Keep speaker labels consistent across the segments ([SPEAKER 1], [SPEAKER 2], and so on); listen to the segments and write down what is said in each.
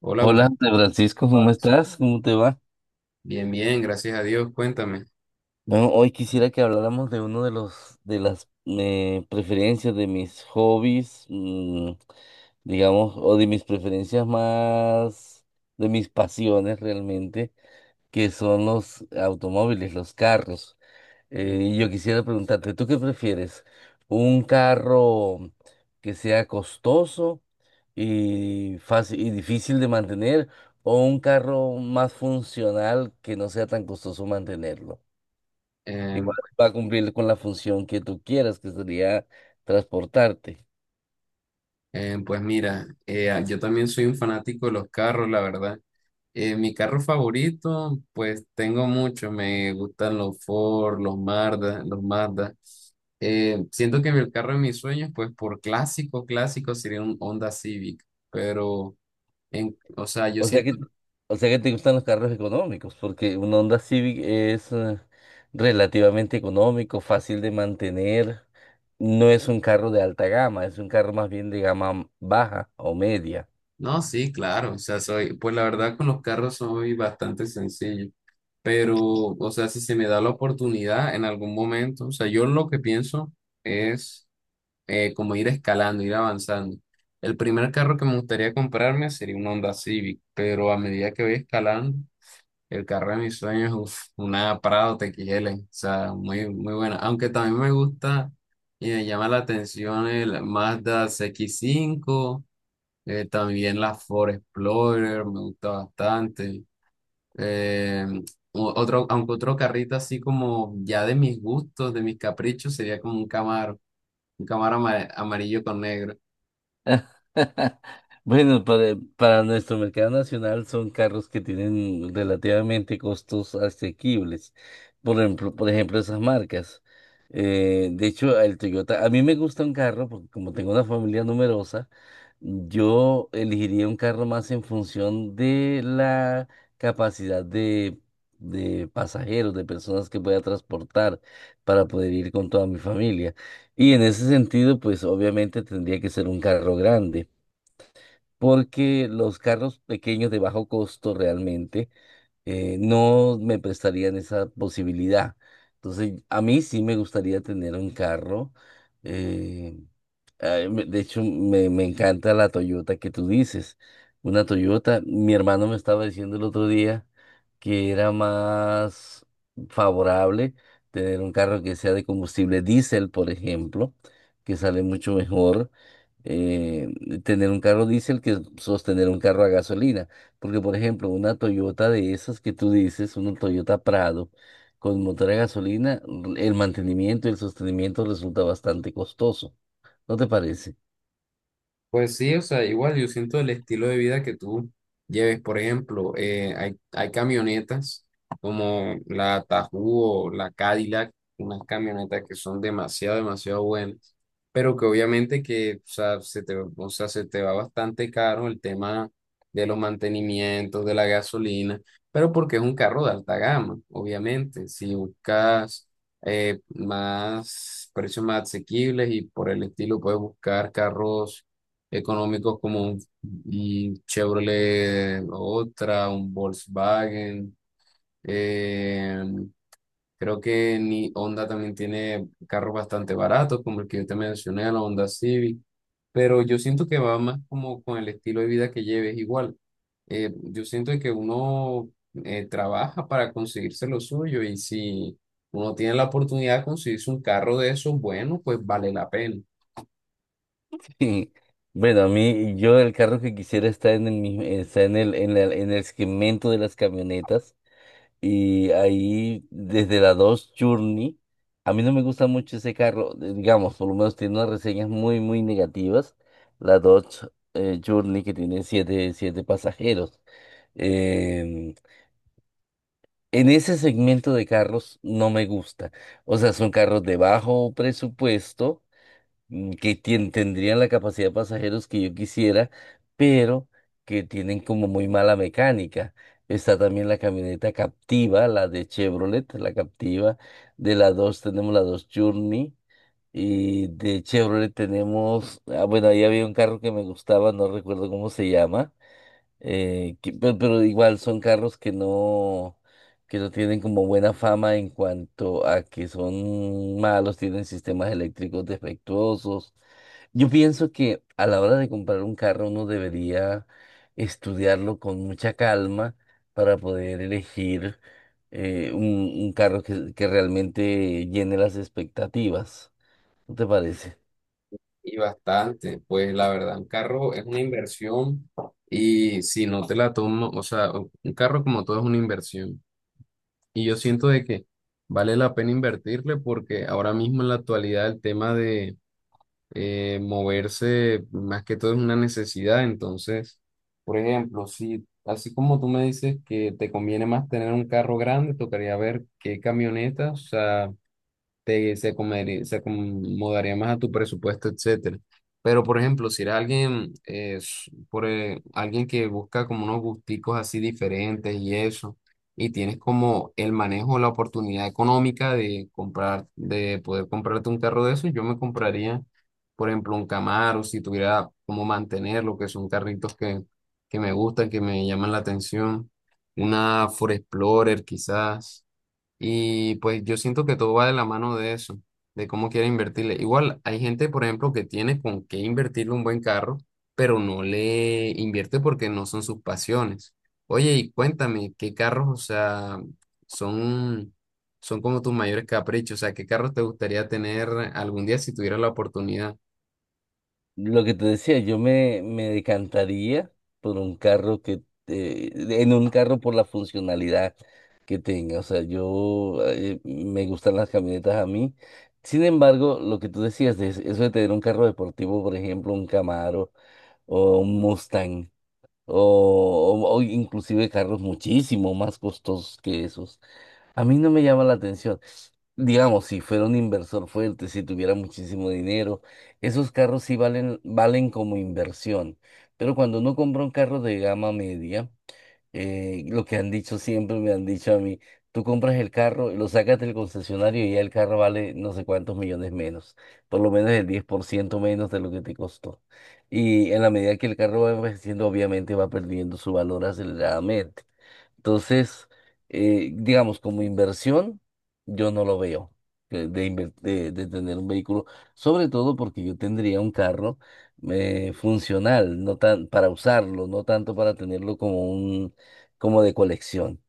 [SPEAKER 1] Hola,
[SPEAKER 2] Hola,
[SPEAKER 1] Gustavo.
[SPEAKER 2] André Francisco, ¿cómo estás? ¿Cómo te va?
[SPEAKER 1] Bien, bien, gracias a Dios. Cuéntame.
[SPEAKER 2] Bueno, hoy quisiera que habláramos de uno de las preferencias de mis hobbies, digamos, o de mis preferencias más, de mis pasiones realmente, que son los automóviles, los carros. Y yo quisiera preguntarte, ¿tú qué prefieres? ¿Un carro que sea costoso y fácil y difícil de mantener o un carro más funcional que no sea tan costoso mantenerlo?
[SPEAKER 1] Eh,
[SPEAKER 2] Igual va a cumplir con la función que tú quieras, que sería transportarte.
[SPEAKER 1] pues mira, yo también soy un fanático de los carros, la verdad. Mi carro favorito, pues tengo muchos. Me gustan los Ford, los Mazda, los Mazda. El carro de mis sueños, pues por clásico, clásico sería un Honda Civic. Pero, o sea, yo
[SPEAKER 2] O sea
[SPEAKER 1] siento.
[SPEAKER 2] que, o sea que te gustan los carros económicos, porque un Honda Civic es relativamente económico, fácil de mantener. No es un carro de alta gama, es un carro más bien de gama baja o media.
[SPEAKER 1] No, sí, claro. O sea, soy, pues la verdad con los carros soy bastante sencillo. Pero, o sea, si se me da la oportunidad en algún momento, o sea, yo lo que pienso es como ir escalando, ir avanzando. El primer carro que me gustaría comprarme sería un Honda Civic, pero a medida que voy escalando, el carro de mis sueños, uf, una Prado TXL, o sea, muy, muy buena. Aunque también me gusta y me llama la atención el Mazda CX-5, también la Ford Explorer me gusta bastante. Eh, Otro, aunque otro carrito así como ya de mis gustos, de mis caprichos, sería como un Camaro, un amarillo con negro.
[SPEAKER 2] Bueno, para nuestro mercado nacional son carros que tienen relativamente costos asequibles. Por ejemplo, esas marcas. De hecho, el Toyota, a mí me gusta un carro porque como tengo una familia numerosa, yo elegiría un carro más en función de la capacidad de pasajeros, de personas que pueda transportar para poder ir con toda mi familia. Y en ese sentido, pues obviamente tendría que ser un carro grande porque los carros pequeños de bajo costo realmente no me prestarían esa posibilidad. Entonces, a mí sí me gustaría tener un carro. eh, de hecho, me encanta la Toyota que tú dices. Una Toyota, mi hermano me estaba diciendo el otro día que era más favorable tener un carro que sea de combustible diésel, por ejemplo, que sale mucho mejor. eh, Tener un carro diésel que sostener un carro a gasolina. Porque, por ejemplo, una Toyota de esas que tú dices, una Toyota Prado con motor a gasolina, el mantenimiento y el sostenimiento resulta bastante costoso. ¿No te parece?
[SPEAKER 1] Pues sí, o sea, igual yo siento el estilo de vida que tú lleves, por ejemplo, hay camionetas como la Tahoe o la Cadillac, unas camionetas que son demasiado, demasiado buenas, pero que obviamente que, o sea, se te, o sea, se te va bastante caro el tema de los mantenimientos, de la gasolina, pero porque es un carro de alta gama. Obviamente, si buscas más precios más asequibles y por el estilo, puedes buscar carros económicos como un Chevrolet, otra, un Volkswagen. eh, Creo que ni Honda también tiene carros bastante baratos, como el que yo te mencioné, la Honda Civic. Pero yo siento que va más como con el estilo de vida que lleves igual. Yo siento que uno trabaja para conseguirse lo suyo y si uno tiene la oportunidad de conseguirse un carro de esos, bueno, pues vale la pena.
[SPEAKER 2] Sí. Bueno, a mí, yo el carro que quisiera está en el mismo, está en el segmento de las camionetas. Y ahí, desde la Dodge Journey, a mí no me gusta mucho ese carro, digamos, por lo menos tiene unas reseñas muy, muy negativas. La Dodge Journey que tiene siete pasajeros. Em, en ese segmento de carros no me gusta. O sea, son carros de bajo presupuesto que tendrían la capacidad de pasajeros que yo quisiera, pero que tienen como muy mala mecánica. Está también la camioneta Captiva, la de Chevrolet, la Captiva. De la 2 tenemos la 2 Journey. Y de Chevrolet tenemos, ah, bueno, ahí había un carro que me gustaba, no recuerdo cómo se llama pero, igual son carros que no, tienen como buena fama en cuanto a que son malos, tienen sistemas eléctricos defectuosos. Yo pienso que a la hora de comprar un carro uno debería estudiarlo con mucha calma para poder elegir un, carro que, realmente llene las expectativas. ¿No te parece?
[SPEAKER 1] Y bastante, pues la verdad, un carro es una inversión y si no te la tomo, un carro como todo es una inversión. Y yo siento de que vale la pena invertirle porque ahora mismo en la actualidad el tema de moverse más que todo es una necesidad. Entonces, por ejemplo, si así como tú me dices que te conviene más tener un carro grande, tocaría ver qué camionetas, o sea, te, se acomodaría más a tu presupuesto, etcétera. Pero, por ejemplo, si eres alguien, alguien que busca como unos gusticos así diferentes y eso, y tienes como el manejo, la oportunidad económica de comprar, de poder comprarte un carro de esos, yo me compraría, por ejemplo, un Camaro, si tuviera cómo mantenerlo, que son carritos que me gustan, que me llaman la atención, una Ford Explorer quizás. Y pues yo siento que todo va de la mano de eso, de cómo quiere invertirle. Igual hay gente, por ejemplo, que tiene con qué invertirle un buen carro, pero no le invierte porque no son sus pasiones. Oye, y cuéntame, ¿qué carros, o sea, son, son como tus mayores caprichos? O sea, ¿qué carros te gustaría tener algún día si tuvieras la oportunidad?
[SPEAKER 2] Lo que te decía, yo me, decantaría por un carro en un carro por la funcionalidad que tenga. O sea, yo me gustan las camionetas a mí. Sin embargo, lo que tú decías, de eso de tener un carro deportivo, por ejemplo, un Camaro o un Mustang, o, inclusive carros muchísimo más costosos que esos. A mí no me llama la atención. Digamos, si fuera un inversor fuerte, si tuviera muchísimo dinero, esos carros sí valen, como inversión. Pero cuando uno compra un carro de gama media, lo que han dicho siempre, me han dicho a mí, tú compras el carro, lo sacas del concesionario y ya el carro vale no sé cuántos millones menos, por lo menos el 10% menos de lo que te costó. Y en la medida que el carro va envejeciendo, obviamente va perdiendo su valor aceleradamente. Entonces, digamos, como inversión, yo no lo veo de tener un vehículo, sobre todo porque yo tendría un carro funcional, no tan para usarlo, no tanto para tenerlo como de colección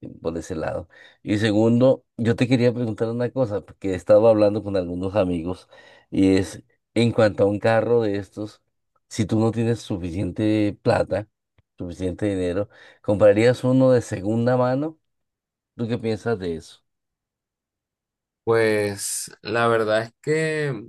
[SPEAKER 2] por ese lado. Y segundo, yo te quería preguntar una cosa, porque he estado hablando con algunos amigos, y es en cuanto a un carro de estos, si tú no tienes suficiente plata, suficiente dinero, ¿comprarías uno de segunda mano? ¿Tú qué piensas de eso?
[SPEAKER 1] Pues la verdad es que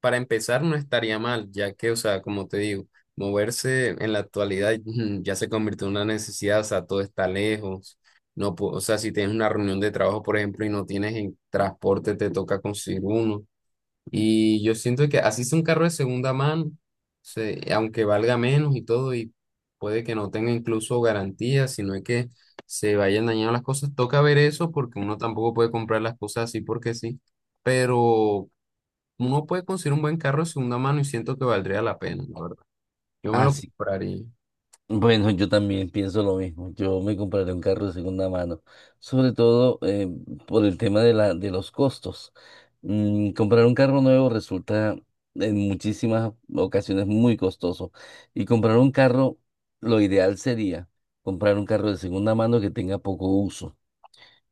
[SPEAKER 1] para empezar no estaría mal, ya que, o sea, como te digo, moverse en la actualidad mm, ya se convirtió en una necesidad, o sea, todo está lejos. O sea, si tienes una reunión de trabajo, por ejemplo, y no tienes en transporte, te toca conseguir uno. Y yo siento que así sea un carro de segunda mano, aunque valga menos y todo, y puede que no tenga incluso garantía, sino es que se vayan dañando las cosas. Toca ver eso porque uno tampoco puede comprar las cosas así porque sí, pero uno puede conseguir un buen carro de segunda mano y siento que valdría la pena, la verdad. Yo me
[SPEAKER 2] Ah,
[SPEAKER 1] lo
[SPEAKER 2] sí.
[SPEAKER 1] compraría.
[SPEAKER 2] Bueno, yo también pienso lo mismo. Yo me compraré un carro de segunda mano, sobre todo por el tema de los costos. Comprar un carro nuevo resulta en muchísimas ocasiones muy costoso. Y comprar un carro, lo ideal sería comprar un carro de segunda mano que tenga poco uso,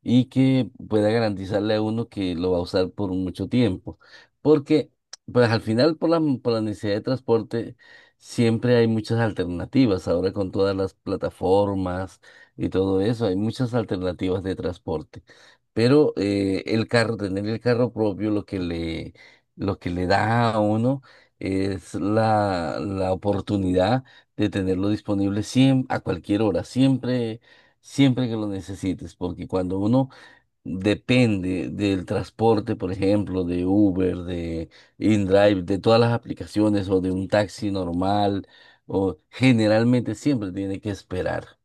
[SPEAKER 2] y que pueda garantizarle a uno que lo va a usar por mucho tiempo. Porque, pues al final, por la necesidad de transporte, siempre hay muchas alternativas. Ahora con todas las plataformas y todo eso, hay muchas alternativas de transporte. Pero el carro, tener el carro propio, lo que le da a uno es la oportunidad de tenerlo disponible siempre, a cualquier hora, siempre que lo necesites, porque cuando uno depende del transporte, por ejemplo, de Uber, de InDrive, de todas las aplicaciones o de un taxi normal, o generalmente siempre tiene que esperar.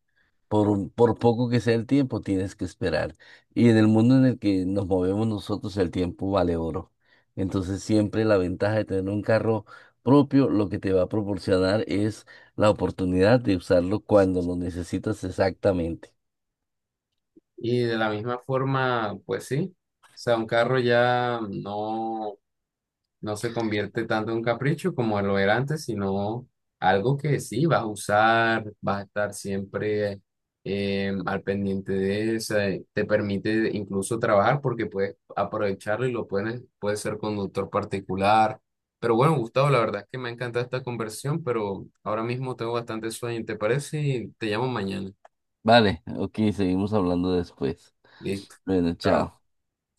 [SPEAKER 2] Por poco que sea el tiempo, tienes que esperar. Y en el mundo en el que nos movemos nosotros, el tiempo vale oro. Entonces, siempre la ventaja de tener un carro propio, lo que te va a proporcionar es la oportunidad de usarlo cuando lo necesitas exactamente.
[SPEAKER 1] Y de la misma forma, pues sí. O sea, un carro ya no. No se convierte tanto en un capricho como lo era antes, sino algo que sí vas a usar, vas a estar siempre al pendiente de eso. Te permite incluso trabajar porque puedes aprovecharlo y lo puedes, puedes ser conductor particular. Pero bueno, Gustavo, la verdad es que me ha encantado esta conversión, pero ahora mismo tengo bastante sueño, ¿te parece? Y te llamo mañana.
[SPEAKER 2] Vale, ok, seguimos hablando después.
[SPEAKER 1] Listo.
[SPEAKER 2] Bueno,
[SPEAKER 1] Chao.
[SPEAKER 2] chao.